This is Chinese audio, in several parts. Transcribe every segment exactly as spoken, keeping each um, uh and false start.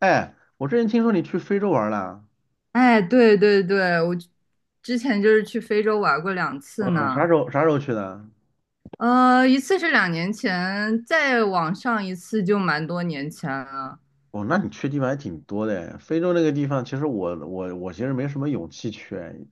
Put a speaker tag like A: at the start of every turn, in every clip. A: 哎，我之前听说你去非洲玩了。
B: 哎，对对对，我之前就是去非洲玩过两次
A: 嗯，啥
B: 呢，
A: 时候啥时候去的？
B: 呃，一次是两年前，再往上一次就蛮多年前了。
A: 哦，那你去地方还挺多的诶。非洲那个地方，其实我我我其实没什么勇气去诶，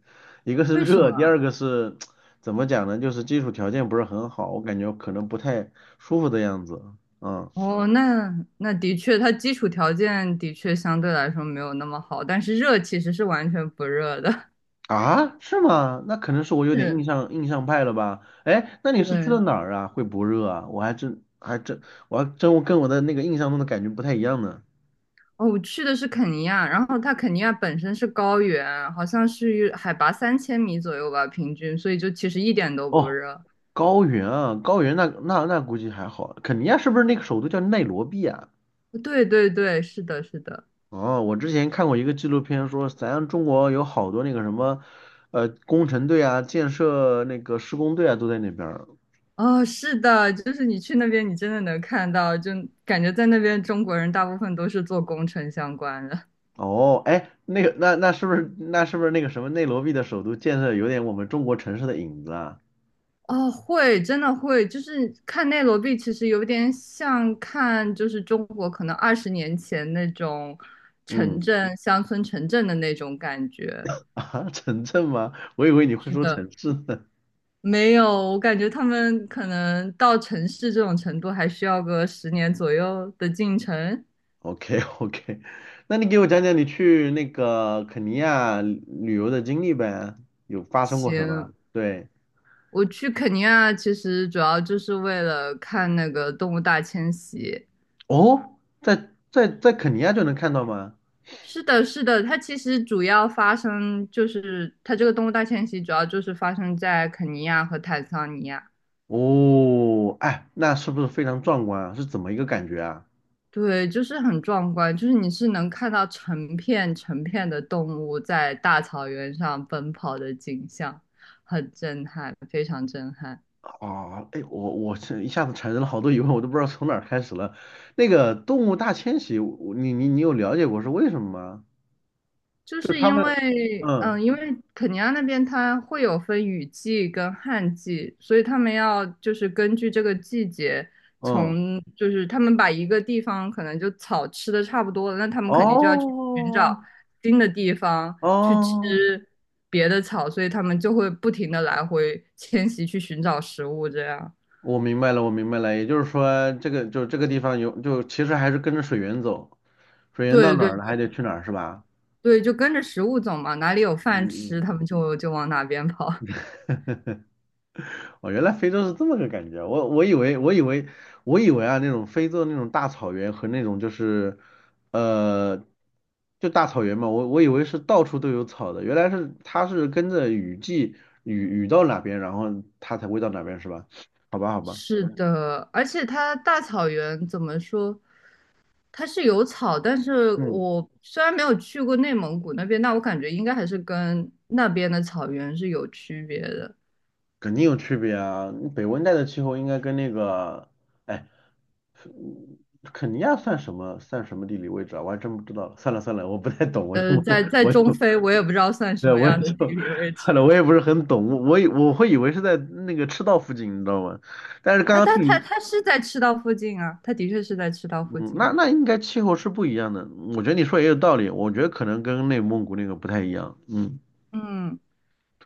A: 一个是
B: 为什么？
A: 热，第二个是 怎么讲呢？就是基础条件不是很好，我感觉可能不太舒服的样子。嗯。
B: 哦，那那的确，它基础条件的确相对来说没有那么好，但是热其实是完全不热的。
A: 啊，是吗？那可能是我 有点
B: 是，
A: 印象印象派了吧？哎，那你是去的
B: 对。
A: 哪儿啊？会不热啊？我还真还真我还真我跟我的那个印象中的感觉不太一样呢。
B: 哦，我去的是肯尼亚，然后它肯尼亚本身是高原，好像是海拔三千米左右吧，平均，所以就其实一点都不
A: 哦，
B: 热。
A: 高原啊，高原那那那估计还好。肯尼亚是不是那个首都叫内罗毕啊？
B: 对对对，是的，是的。
A: 哦，我之前看过一个纪录片说，咱中国有好多那个什么，呃，工程队啊、建设那个施工队啊都在那边儿。
B: 哦，是的，就是你去那边，你真的能看到，就感觉在那边中国人大部分都是做工程相关的。
A: 哦，哎，那个那那是不是那是不是那个什么内罗毕的首都建设有点我们中国城市的影子啊？
B: 哦，会，真的会，就是看内罗毕，其实有点像看就是中国可能二十年前那种城
A: 嗯。
B: 镇、乡村城镇的那种感觉。
A: 啊，城镇吗？我以为你会
B: 是
A: 说城
B: 的，
A: 市呢。
B: 没有，我感觉他们可能到城市这种程度，还需要个十年左右的进程。
A: OK。 OK，那你给我讲讲你去那个肯尼亚旅游的经历呗，有发生过什么？
B: 行，
A: 对。
B: 我去肯尼亚其实主要就是为了看那个动物大迁徙。
A: 哦，在在在肯尼亚就能看到吗？
B: 是的，是的，它其实主要发生就是它这个动物大迁徙主要就是发生在肯尼亚和坦桑尼亚。
A: 哦，哎，那是不是非常壮观啊？是怎么一个感觉啊？
B: 对，就是很壮观，就是你是能看到成片成片的动物在大草原上奔跑的景象，很震撼，非常震撼。
A: 哦，哎，我我是一下子产生了好多疑问，我都不知道从哪儿开始了。那个动物大迁徙，我你你你有了解过是为什么吗？
B: 就
A: 就是
B: 是
A: 他
B: 因
A: 们。
B: 为，
A: 嗯
B: 嗯，因为肯尼亚那边它会有分雨季跟旱季，所以他们要就是根据这个季节，
A: 嗯。
B: 从就是他们把一个地方可能就草吃的差不多了，那他们肯定就要去寻
A: 哦
B: 找新的地方去吃
A: 哦。
B: 别的草，所以他们就会不停的来回迁徙去寻找食物，这样。
A: 我明白了，我明白了，也就是说，这个就这个地方有，就其实还是跟着水源走，水源到
B: 对
A: 哪
B: 对
A: 儿了，还得去哪儿，是吧？
B: 对，就跟着食物走嘛，哪里有饭
A: 嗯
B: 吃，他们就就往哪边跑。
A: 嗯。哦，原来非洲是这么个感觉，我我以为我以为。我以为啊，那种非洲那种大草原和那种就是，呃，就大草原嘛，我我以为是到处都有草的，原来是它是跟着雨季，雨雨到哪边，然后它才会到哪边，是吧？好吧，好吧。
B: 是的，而且它大草原怎么说？它是有草，但是
A: 嗯。
B: 我虽然没有去过内蒙古那边，但我感觉应该还是跟那边的草原是有区别的。
A: 肯定有区别啊！北温带的气候应该跟那个，哎，肯尼亚算什么算什么地理位置啊？我还真不知道了，算了算了，我不太懂，我就
B: 呃，在在
A: 我就
B: 中非，我也不知道算什
A: 对，
B: 么
A: 我也
B: 样的
A: 就
B: 地理位置。
A: 算了，我也不是很懂。我我以我会以为是在那个赤道附近，你知道吗？但是刚
B: 啊，
A: 刚
B: 但
A: 听
B: 它
A: 你，
B: 它是在赤道附近啊，它的确是在赤道附
A: 嗯，
B: 近
A: 那
B: 呀、
A: 那应该气候是不一样的。我觉得你说也有道理，我觉得可能跟内蒙古那个不太一样。嗯。
B: 嗯，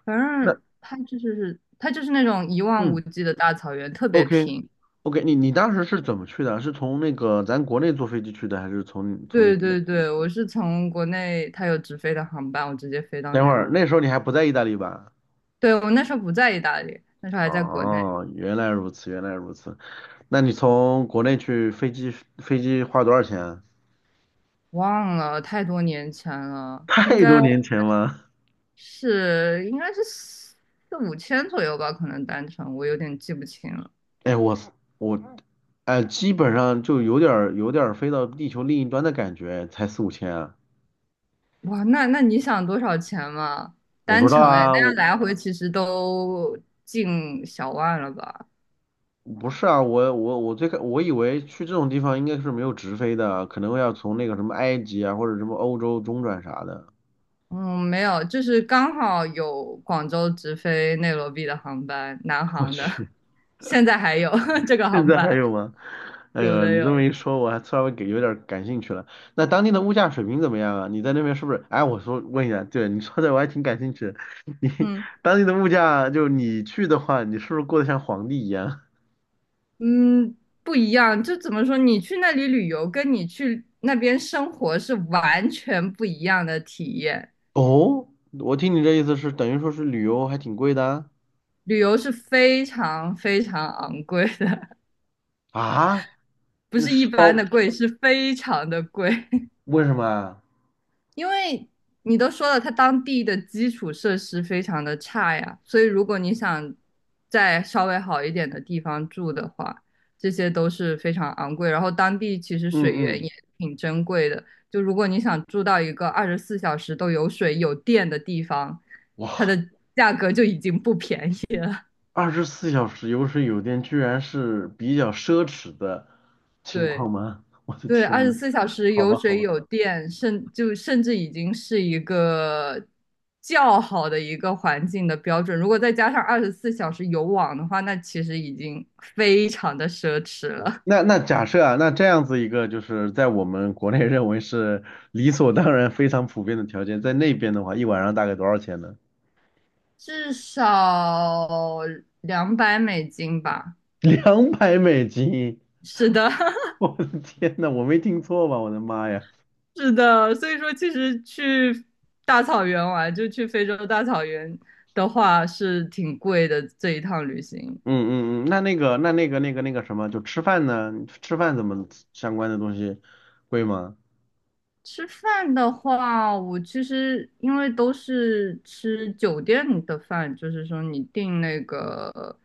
B: 反
A: 那，
B: 正它就是它就是那种一望无
A: 嗯
B: 际的大草原，特别
A: ，OK。
B: 平。
A: OK，你你当时是怎么去的？是从那个咱国内坐飞机去的，还是从
B: 对
A: 从？
B: 对对，我是从国内它有直飞的航班，我直接飞到
A: 等会
B: 内
A: 儿
B: 陆。
A: 那时候你还不在意大利吧？
B: 对，我那时候不在意大利，那时候还在国内，
A: 哦，原来如此，原来如此。那你从国内去飞机，飞机花多少钱啊？
B: 忘了太多年前了，应
A: 太
B: 该
A: 多年前了。
B: 是应该是四五千左右吧，可能单程，我有点记不清了。
A: 哎，我我哎，基本上就有点儿有点儿飞到地球另一端的感觉，才四五千啊。
B: 哇，那那你想多少钱嘛？
A: 我不
B: 单
A: 知道
B: 程哎，
A: 啊，
B: 那样
A: 我，
B: 来回其实都近小万了吧？
A: 不是啊，我我我最开我以为去这种地方应该是没有直飞的，可能要从那个什么埃及啊或者什么欧洲中转啥的。
B: 嗯，没有，就是刚好有广州直飞内罗毕的航班，南
A: 我
B: 航 的，
A: 去。
B: 现在还有 这个
A: 现
B: 航
A: 在还
B: 班，
A: 有吗？哎
B: 有
A: 呦，
B: 的
A: 你
B: 有
A: 这么一
B: 的
A: 说，我还稍微给有点感兴趣了。那当地的物价水平怎么样啊？你在那边是不是？哎，我说问一下。对，你说的我还挺感兴趣的。你
B: 嗯。
A: 当地的物价，就你去的话，你是不是过得像皇帝一样？
B: 嗯，不一样，就怎么说？你去那里旅游，跟你去那边生活是完全不一样的体验。
A: 哦，我听你这意思是等于说是旅游还挺贵的啊？
B: 旅游是非常非常昂贵的，
A: 啊，
B: 不
A: 那
B: 是一
A: 是
B: 般
A: 哦，
B: 的贵，是非常的贵。
A: 为什么啊？
B: 因为你都说了，它当地的基础设施非常的差呀，所以如果你想在稍微好一点的地方住的话，这些都是非常昂贵。然后当地其实
A: 嗯
B: 水源
A: 嗯。
B: 也挺珍贵的，就如果你想住到一个二十四小时都有水有电的地方，
A: 哇，
B: 它的价格就已经不便宜了。
A: 二十四小时有水有电，居然是比较奢侈的情
B: 对。
A: 况吗？我的
B: 对，二
A: 天呐。
B: 十四小时
A: 好
B: 有
A: 吧好
B: 水
A: 吧。
B: 有电，甚就甚至已经是一个较好的一个环境的标准。如果再加上二十四小时有网的话，那其实已经非常的奢侈了，
A: 那那假设啊，那这样子一个就是在我们国内认为是理所当然、非常普遍的条件，在那边的话，一晚上大概多少钱呢？
B: 至少两百美金吧。
A: 两百美金！
B: 是的，
A: 我的天呐，我没听错吧？我的妈呀！
B: 是的。所以说，其实去大草原玩，就去非洲大草原的话，是挺贵的这一趟旅行。
A: 嗯嗯嗯，那那个那那个那个那个什么，就吃饭呢？吃饭怎么，相关的东西贵吗？
B: 吃饭的话，我其实因为都是吃酒店的饭，就是说你订那个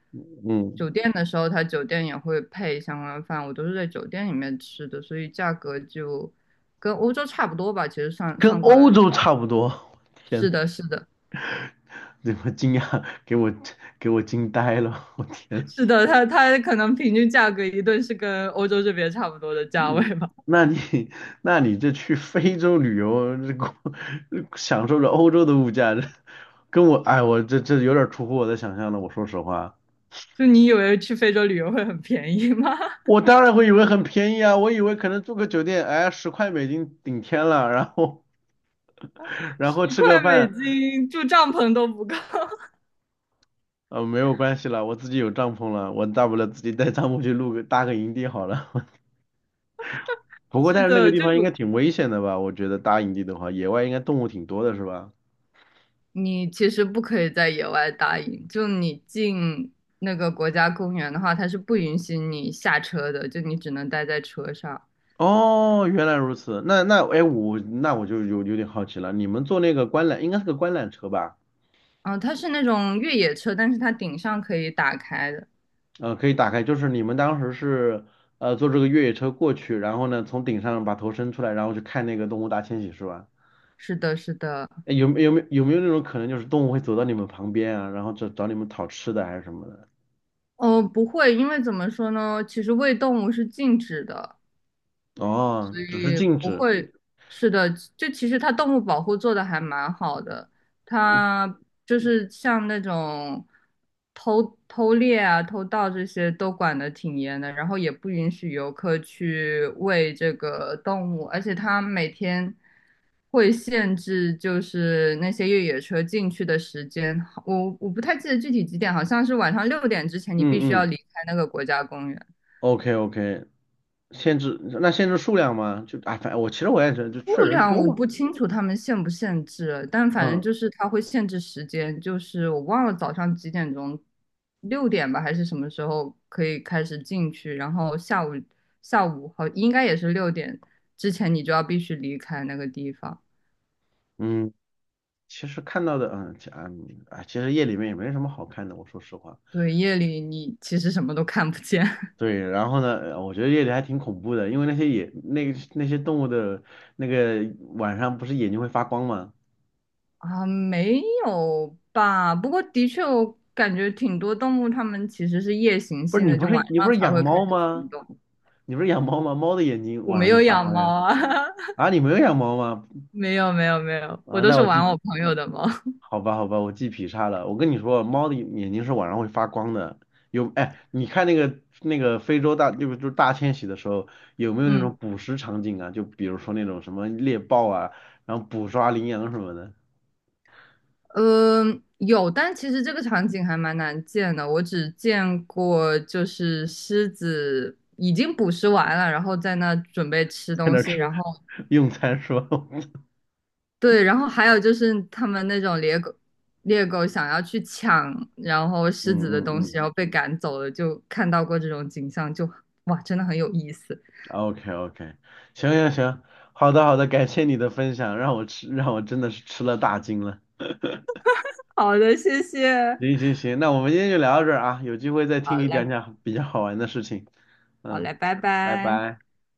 A: 嗯，
B: 酒店的时候，他酒店也会配相关饭，我都是在酒店里面吃的，所以价格就跟欧洲差不多吧。其实算
A: 跟
B: 算过来
A: 欧
B: 的
A: 洲
B: 话
A: 差不多。我天，
B: 是的，是的，
A: 对，我惊讶，给我给我惊呆了！我天。
B: 是的，它它可能平均价格一顿是跟欧洲这边差不多的价
A: 嗯，
B: 位吧。
A: 那你 那你这去非洲旅游，这过， 享受着欧洲的物价，这跟我，哎，我这这有点出乎我的想象了。我说实话，
B: 就你以为去非洲旅游会很便宜吗？
A: 我 当然会以为很便宜啊，我以为可能住个酒店，哎，十块美金顶天了，然后 然
B: 十
A: 后吃个
B: 块美
A: 饭。
B: 金住帐篷都不够。
A: 呃，没有关系了，我自己有帐篷了，我大不了自己带帐篷去露个搭个营地好了。不 过
B: 是
A: 但是那个
B: 的，
A: 地
B: 就
A: 方应该
B: 有
A: 挺危险的吧？我觉得搭营地的话，野外应该动物挺多的是吧？
B: 你其实不可以在野外搭营，就你进那个国家公园的话，它是不允许你下车的，就你只能待在车上。
A: 哦，原来如此。那那，哎，我那我就有有点好奇了。你们坐那个观览，应该是个观览车吧？
B: 嗯、它是那种越野车，但是它顶上可以打开的。
A: 嗯，可以打开，就是你们当时是，呃坐这个越野车过去，然后呢从顶上把头伸出来，然后去看那个动物大迁徙是吧？
B: 是的，是的。
A: 哎，有没有没有没有那种可能，就是动物会走到你们旁边啊，然后找找你们讨吃的还是什么的？
B: 哦，不会，因为怎么说呢？其实喂动物是禁止的，
A: 哦，只是
B: 也
A: 禁
B: 不
A: 止。
B: 会，是的，就其实它动物保护做的还蛮好的，它就是像那种偷偷猎啊、偷盗这些都管得挺严的，然后也不允许游客去喂这个动物，而且它每天会限制就是那些越野车进去的时间，我我不太记得具体几点，好像是晚上六点之前你
A: 嗯
B: 必须要
A: 嗯
B: 离开那个国家公园。
A: ，OK。 OK，限制那限制数量吗？就啊，反正我其实我也觉得，就确
B: 数
A: 实人
B: 量
A: 多
B: 我
A: 嘛。
B: 不清楚他们限不限制，但反正
A: 嗯
B: 就是他会限制时间，就是我忘了早上几点钟，六点吧还是什么时候可以开始进去，然后下午下午好应该也是六点之前你就要必须离开那个地方。
A: 嗯，其实看到的，嗯，其嗯，哎，其实夜里面也没什么好看的，我说实话。
B: 对，夜里你其实什么都看不见
A: 对，然后呢，呃我觉得夜里还挺恐怖的，因为那些野，那个那些动物的那个晚上不是眼睛会发光吗？
B: 啊，没有吧？不过的确我感觉挺多动物它们其实是夜行
A: 不是
B: 性
A: 你
B: 的，
A: 不
B: 就
A: 是
B: 晚
A: 你不
B: 上
A: 是
B: 才
A: 养
B: 会开
A: 猫
B: 始
A: 吗？
B: 行动。
A: 你不是养猫吗？猫的眼睛
B: 我
A: 晚
B: 没
A: 上就
B: 有
A: 发
B: 养
A: 光
B: 猫
A: 呀。
B: 啊。
A: 啊，你没有养猫吗？
B: 没有没有没有，我
A: 啊，
B: 都
A: 那
B: 是
A: 我
B: 玩
A: 记
B: 我朋友的猫。
A: 好吧，好吧，我记劈叉了。我跟你说，猫的眼睛是晚上会发光的。有，哎，你看那个那个非洲大，就是就是大迁徙的时候，有没有那种
B: 嗯，
A: 捕食场景啊？就比如说那种什么猎豹啊，然后捕抓羚羊什么的，
B: 呃，有，但其实这个场景还蛮难见的。我只见过就是狮子已经捕食完了，然后在那准备吃
A: 在那
B: 东
A: 儿
B: 西，
A: 吃，
B: 然后
A: 用餐是吧？
B: 对，然后还有就是他们那种猎狗，猎狗想要去抢，然后
A: 嗯
B: 狮子的
A: 嗯
B: 东
A: 嗯
B: 西，然后被赶走了，就看到过这种景象，就哇，真的很有意思。
A: ，OK。 OK，行行行，好的好的，感谢你的分享，让我吃让我真的是吃了大惊了。
B: 好的，谢谢。
A: 行行行，那我们今天就聊到这儿啊，有机会再听
B: 好
A: 你讲
B: 嘞，
A: 讲比较好玩的事情。
B: 好
A: 嗯，
B: 嘞，拜
A: 拜
B: 拜。
A: 拜。